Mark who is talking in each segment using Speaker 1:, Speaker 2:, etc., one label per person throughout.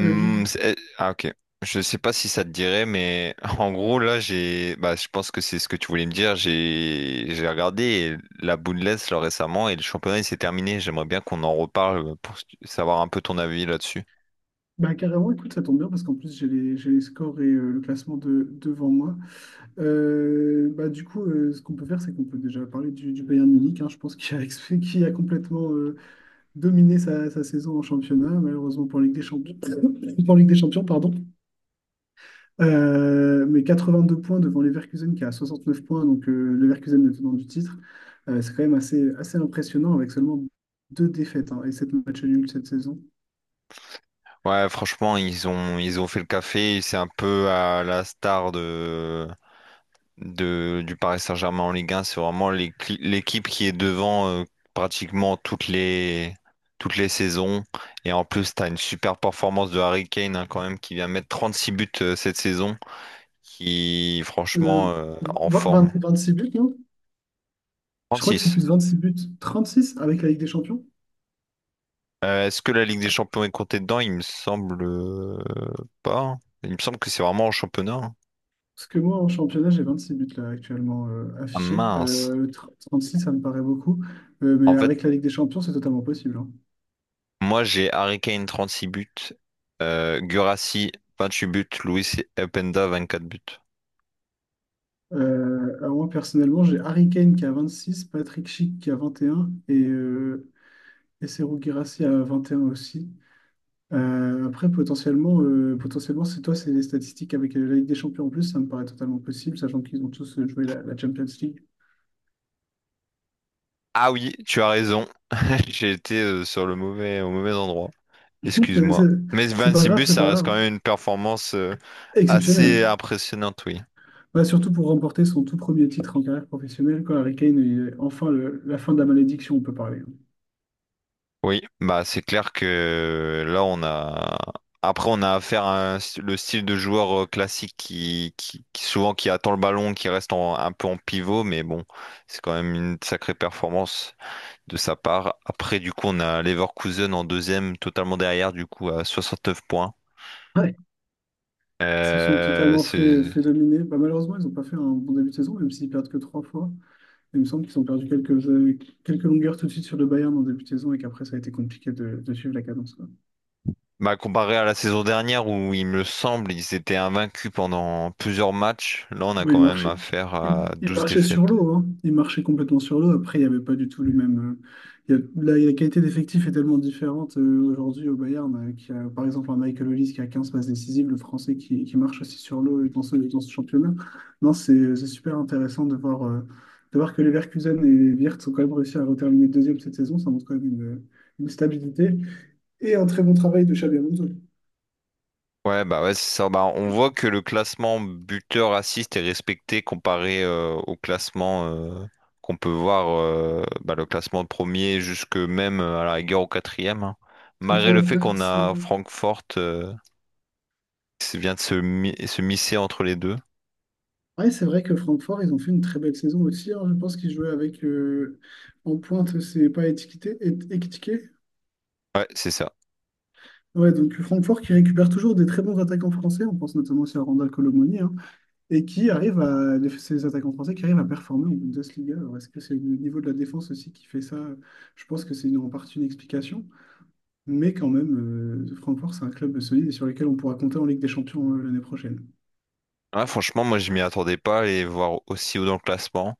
Speaker 1: Euh, j'ai-
Speaker 2: c'est- euh, ah OK. Je sais pas si ça te dirait, mais en gros là bah je pense que c'est ce que tu voulais me dire. J'ai regardé la Bundes là récemment et le championnat il s'est terminé. J'aimerais bien qu'on en reparle pour savoir un peu ton avis là-dessus.
Speaker 1: Bah, carrément, écoute, ça tombe bien parce qu'en plus j'ai les scores et le classement, devant moi. Bah, du coup, ce qu'on peut faire, c'est qu'on peut déjà parler du Bayern Munich, hein. Je pense qu'il a complètement dominé sa saison en championnat, malheureusement pour Ligue des Champions, pour Ligue des Champions, pardon. Mais 82 points devant Leverkusen qui a 69 points, donc Leverkusen, le tenant du titre. C'est quand même assez, assez impressionnant avec seulement deux défaites, hein, et sept matchs nuls cette saison.
Speaker 2: Ouais, franchement ils ont fait le café. C'est un peu à la star de du Paris Saint-Germain en Ligue 1. C'est vraiment l'équipe qui est devant pratiquement toutes les saisons. Et en plus, tu as une super performance de Harry Kane, hein, quand même, qui vient mettre 36 buts cette saison, qui
Speaker 1: Euh,
Speaker 2: franchement en forme.
Speaker 1: 26 buts, non? Je crois que c'est
Speaker 2: 36.
Speaker 1: plus 26 buts, 36 avec la Ligue des Champions.
Speaker 2: Est-ce que la Ligue des Champions est comptée dedans? Il me semble pas. Il me semble que c'est vraiment en championnat, hein.
Speaker 1: Parce que moi, en championnat, j'ai 26 buts là actuellement
Speaker 2: Ah
Speaker 1: affichés.
Speaker 2: mince.
Speaker 1: 36, ça me paraît beaucoup. Mais
Speaker 2: En fait,
Speaker 1: avec la Ligue des Champions, c'est totalement possible, hein.
Speaker 2: Moi, j'ai Harry Kane six buts, Guirassy huit buts, Luis Openda quatre buts.
Speaker 1: Alors moi, personnellement, j'ai Harry Kane qui a 26, Patrick Schick qui a vingt et un et Serhou Guirassy à 21 aussi. Après, potentiellement c'est toi, c'est les statistiques avec la Ligue des Champions en plus, ça me paraît totalement possible, sachant qu'ils ont tous joué la Champions League.
Speaker 2: Ah oui, tu as raison. J'ai été sur le au mauvais endroit.
Speaker 1: C'est c'est-
Speaker 2: Excuse-moi. Mais
Speaker 1: c'est pas
Speaker 2: 26
Speaker 1: grave,
Speaker 2: buts,
Speaker 1: c'est
Speaker 2: ça
Speaker 1: pas
Speaker 2: reste
Speaker 1: grave.
Speaker 2: quand même une performance
Speaker 1: Exceptionnel.
Speaker 2: assez impressionnante, oui.
Speaker 1: Bah, surtout pour remporter son tout premier titre en carrière professionnelle, quoi. Harry Kane, il est enfin la fin de la malédiction, on peut parler.
Speaker 2: Oui, bah c'est clair que là on a après on a affaire à un le style de joueur classique souvent qui attend le ballon, qui reste un peu en pivot, mais bon, c'est quand même une sacrée performance de sa part. Après du coup on a Leverkusen en deuxième, totalement derrière du coup à 69 points.
Speaker 1: Ils se sont
Speaker 2: Euh,
Speaker 1: totalement fait,
Speaker 2: c'est
Speaker 1: fait dominer. Bah, malheureusement, ils n'ont pas fait un bon début de saison, même s'ils perdent que trois fois. Il me semble qu'ils ont perdu quelques longueurs tout de suite sur le Bayern en début de saison et qu'après, ça a été compliqué de suivre la cadence.
Speaker 2: Comparé à la saison dernière où il me semble ils étaient invaincus pendant plusieurs matchs, là on a
Speaker 1: Oui, il
Speaker 2: quand même
Speaker 1: marchait,
Speaker 2: affaire
Speaker 1: il,
Speaker 2: à
Speaker 1: il
Speaker 2: 12
Speaker 1: marchait sur
Speaker 2: défaites.
Speaker 1: l'eau, hein. Il marchait complètement sur l'eau. Après, il n'y avait pas du tout le même. Il y a- la qualité d'effectif est tellement différente aujourd'hui au Bayern, qui a par exemple un Michael Olise qui a 15 passes décisives, le français qui marche aussi sur l'eau dans ce championnat. Non, c'est super intéressant de voir, que les Leverkusen et Wirtz ont quand même réussi à reterminer deuxième cette saison. Ça montre quand même une stabilité et un très bon travail de Xabi Alonso.
Speaker 2: Ouais, bah ouais, c'est ça. Bah, on voit que le classement buteur assist est respecté comparé au classement qu'on peut voir, bah, le classement premier jusque même à la rigueur au quatrième, hein.
Speaker 1: C'est ça,
Speaker 2: Malgré le fait qu'on
Speaker 1: Wirtz.
Speaker 2: a Francfort qui vient de se misser entre les deux.
Speaker 1: Ouais, c'est vrai que Francfort, ils ont fait une très belle saison aussi, hein. Je pense qu'ils jouaient avec en pointe, c'est pas étiqueté, étiqueté.
Speaker 2: Ouais, c'est ça.
Speaker 1: Ouais, donc Francfort qui récupère toujours des très bons attaquants français, on pense notamment aussi à Randal Colomoni, hein, et qui arrive à ces attaquants français qui arrivent à performer en Bundesliga. Alors est-ce que c'est le niveau de la défense aussi qui fait ça? Je pense que c'est en partie une explication, mais quand même, Francfort, c'est un club solide et sur lequel on pourra compter en Ligue des Champions l'année prochaine.
Speaker 2: Ouais, franchement, moi je m'y attendais pas à les voir aussi haut dans le classement.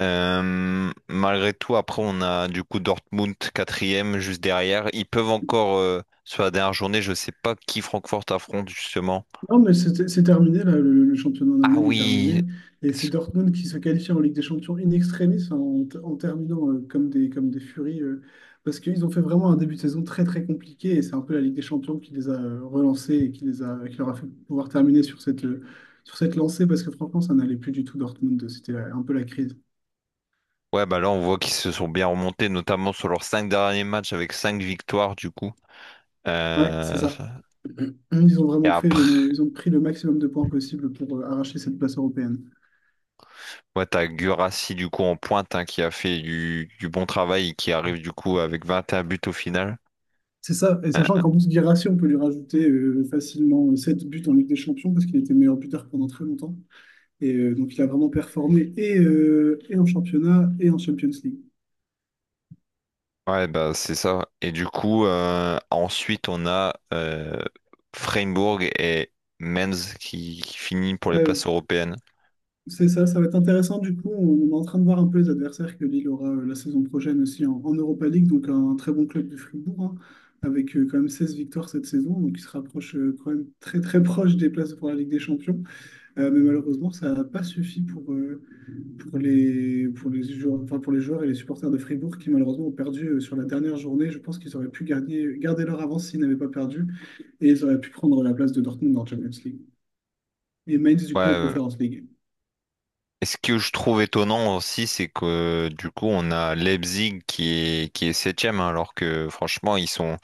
Speaker 2: Malgré tout, après, on a du coup Dortmund quatrième juste derrière. Ils peuvent encore, sur la dernière journée, je sais pas qui Francfort affronte justement.
Speaker 1: Non, mais c'est terminé, là, le championnat en
Speaker 2: Ah
Speaker 1: Allemagne est
Speaker 2: oui.
Speaker 1: terminé. Et c'est Dortmund qui se qualifie en Ligue des Champions in extremis en terminant comme des furies. Parce qu'ils ont fait vraiment un début de saison très très compliqué. Et c'est un peu la Ligue des Champions qui les a relancés et qui leur a fait pouvoir terminer sur cette lancée. Parce que franchement, ça n'allait plus du tout Dortmund. C'était un peu la crise.
Speaker 2: Ouais, bah là, on voit qu'ils se sont bien remontés, notamment sur leurs cinq derniers matchs avec cinq victoires du coup.
Speaker 1: Ouais, c'est
Speaker 2: Euh,
Speaker 1: ça. Ils ont
Speaker 2: et
Speaker 1: vraiment fait le,
Speaker 2: après,
Speaker 1: ils ont pris le maximum de points possible pour arracher cette place européenne.
Speaker 2: ouais, t'as Guirassy du coup en pointe, hein, qui a fait du bon travail et qui arrive du coup avec 21 buts au final.
Speaker 1: C'est ça, et sachant
Speaker 2: Euh,
Speaker 1: qu'en plus Guirassy, on peut lui rajouter facilement 7 buts en Ligue des Champions parce qu'il était meilleur buteur pendant très longtemps. Et donc il a vraiment performé et en championnat et en Champions League.
Speaker 2: Ouais, bah c'est ça. Et du coup, ensuite, on a Freiburg et Mainz qui finit pour les places
Speaker 1: Euh,
Speaker 2: européennes.
Speaker 1: c'est ça, ça va être intéressant du coup. On est en train de voir un peu les adversaires que Lille aura la saison prochaine aussi en Europa League, donc un très bon club de Fribourg, hein, avec quand même 16 victoires cette saison, donc il se rapproche quand même très très proche des places pour la Ligue des Champions. Mais malheureusement, ça n'a pas suffi pour les joueurs, enfin, pour les joueurs et les supporters de Fribourg qui malheureusement ont perdu sur la dernière journée. Je pense qu'ils auraient pu garder leur avance s'ils n'avaient pas perdu et ils auraient pu prendre la place de Dortmund en Champions League. Et Mainz, du
Speaker 2: Ouais,
Speaker 1: coup, en Conference League.
Speaker 2: et ce que je trouve étonnant aussi, c'est que du coup, on a Leipzig qui est septième, hein, alors que franchement, ils sont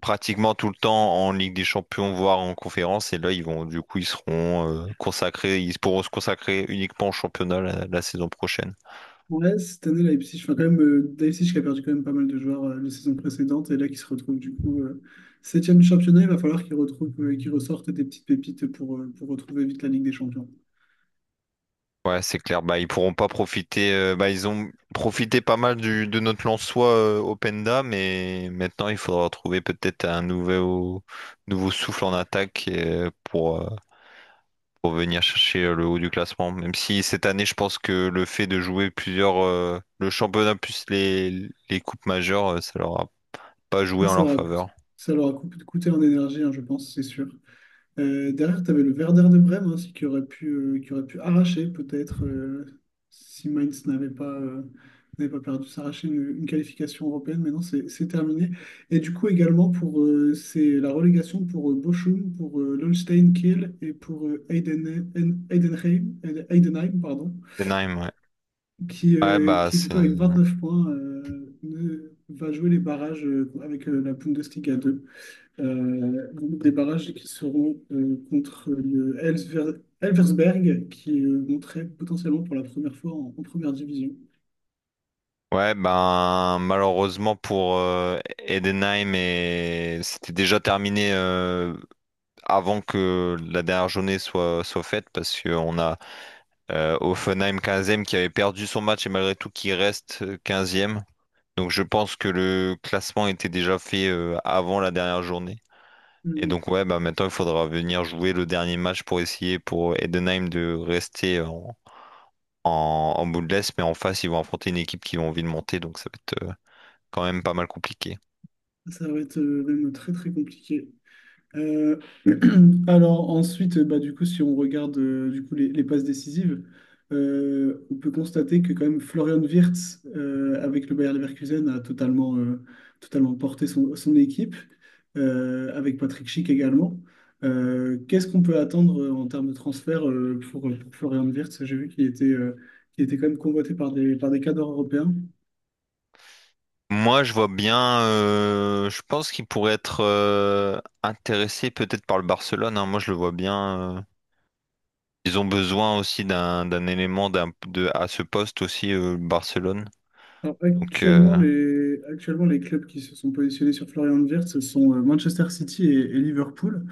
Speaker 2: pratiquement tout le temps en Ligue des Champions, voire en conférence. Et là, ils vont, du coup, ils seront consacrés, ils pourront se consacrer uniquement au championnat la saison prochaine.
Speaker 1: Ouais, cette année, Leipzig, enfin, quand même, Leipzig qui a perdu quand même pas mal de joueurs les saisons précédentes et là qui se retrouve du coup septième du championnat, il va falloir qu'ils retrouvent, qu'ils ressortent des petites pépites pour retrouver vite la Ligue des Champions.
Speaker 2: Ouais, c'est clair. Bah, ils pourront pas profiter, bah, ils ont profité pas mal de notre Lensois Openda, mais maintenant il faudra trouver peut-être un nouveau souffle en attaque pour venir chercher le haut du classement. Même si cette année, je pense que le fait de jouer le championnat plus les coupes majeures, ça leur a pas joué
Speaker 1: Ah,
Speaker 2: en
Speaker 1: ça
Speaker 2: leur
Speaker 1: leur a coûté,
Speaker 2: faveur.
Speaker 1: ça leur a coûté en énergie, hein, je pense, c'est sûr. Derrière, tu avais le Werder de Brême aussi qui aurait pu arracher peut-être si Mainz n'avait pas perdu, s'arracher une qualification européenne. Mais maintenant, c'est terminé. Et du coup, également, pour c'est la relégation pour Bochum, pour Holstein Kiel et pour Heidenheim, Heidenheim, pardon,
Speaker 2: Denheim, ouais.
Speaker 1: qui,
Speaker 2: Ouais,
Speaker 1: euh,
Speaker 2: bah,
Speaker 1: qui, du
Speaker 2: c'est.
Speaker 1: coup, avec 29 points, va jouer les barrages avec la Bundesliga 2. Donc des barrages qui seront contre le Elversberg, qui monterait potentiellement pour la première fois en première division.
Speaker 2: Ouais, ben malheureusement pour Edenheim, et c'était déjà terminé avant que la dernière journée soit faite parce qu'on a Hoffenheim 15e qui avait perdu son match et malgré tout qui reste 15e. Donc je pense que le classement était déjà fait avant la dernière journée. Et
Speaker 1: Euh,
Speaker 2: donc ouais, bah maintenant il faudra venir jouer le dernier match pour essayer pour Edenheim de rester en bout de l'Est, mais en face ils vont affronter une équipe qui a envie de monter, donc ça va être quand même pas mal compliqué.
Speaker 1: Ça va être même très très compliqué. Euh, alors ensuite, bah, du coup, si on regarde du coup, les passes décisives, on peut constater que quand même Florian Wirtz, avec le Bayer Leverkusen, a totalement porté son équipe, avec Patrick Schick également. Qu'est-ce qu'on peut attendre en termes de transfert pour Florian Wirtz? J'ai vu qu'il était quand même convoité par par des cadres européens.
Speaker 2: Moi, je vois bien, je pense qu'il pourrait être intéressé peut-être par le Barcelone, hein. Moi, je le vois bien, euh. Ils ont besoin aussi d'un élément à ce poste aussi, le Barcelone.
Speaker 1: Alors,
Speaker 2: Donc,
Speaker 1: actuellement, les clubs qui se sont positionnés sur Florian Wirtz, ce sont Manchester City et Liverpool.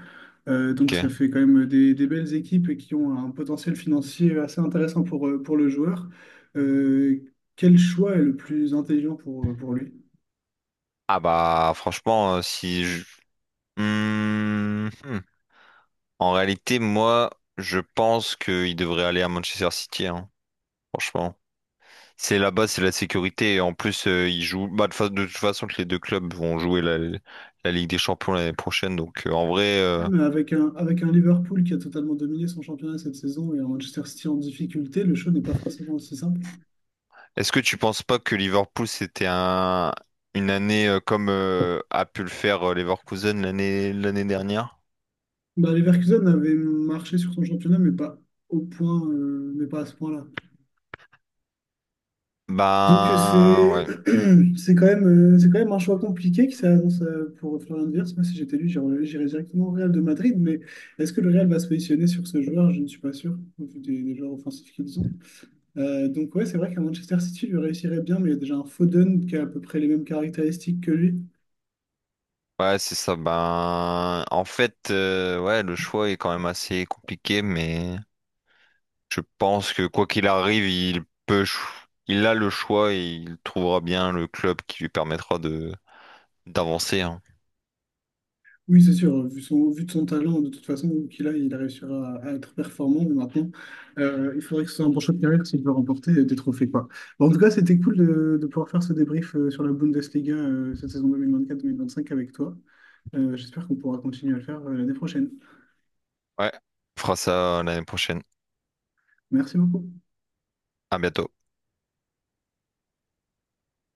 Speaker 1: Donc, ça
Speaker 2: OK.
Speaker 1: fait quand même des belles équipes et qui ont un potentiel financier assez intéressant pour le joueur. Euh, Quel choix est le plus intelligent pour lui?
Speaker 2: Ah bah, franchement, si je... Hmm, hmm. En réalité, moi, je pense qu'il devrait aller à Manchester City, hein. Franchement, c'est là-bas, c'est la sécurité. Et en plus, ils jouent. Bah, de toute façon, que les deux clubs vont jouer la Ligue des Champions l'année prochaine. Donc, en vrai,
Speaker 1: Ouais, mais avec un Liverpool qui a totalement dominé son championnat cette saison et un Manchester City en difficulté, le choix n'est pas forcément aussi simple.
Speaker 2: est-ce que tu penses pas que Liverpool c'était un une année comme a pu le faire Leverkusen l'année dernière?
Speaker 1: Bah, Leverkusen avait marché sur son championnat, mais pas au point, mais pas à ce point-là. Donc
Speaker 2: Ben
Speaker 1: c'est
Speaker 2: ouais,
Speaker 1: c'est quand même c'est quand même un choix compliqué qui s'annonce pour Florian Wirtz. Moi, si j'étais lui, j'irais directement au Real de Madrid. Mais est-ce que le Real va se positionner sur ce joueur? Je ne suis pas sûr, au vu des joueurs offensifs qu'ils ont. Donc ouais, c'est vrai qu'à Manchester City, lui réussirait bien, mais il y a déjà un Foden qui a à peu près les mêmes caractéristiques que lui.
Speaker 2: ouais, c'est ça. Ben en fait, ouais, le choix est quand même assez compliqué, mais. Je pense que quoi qu'il arrive, il a le choix et il trouvera bien le club qui lui permettra de d'avancer, hein.
Speaker 1: Oui, c'est sûr, vu de son talent, de toute façon, qu'il a, il réussira à être performant. Mais maintenant, il faudrait que ce soit un bon choix de carrière s'il veut remporter des trophées, quoi. Bon, en tout cas, c'était cool de pouvoir faire ce débrief sur la Bundesliga cette saison 2024-2025 avec toi. J'espère qu'on pourra continuer à le faire l'année prochaine.
Speaker 2: Ouais, on fera ça l'année prochaine.
Speaker 1: Merci beaucoup.
Speaker 2: À bientôt.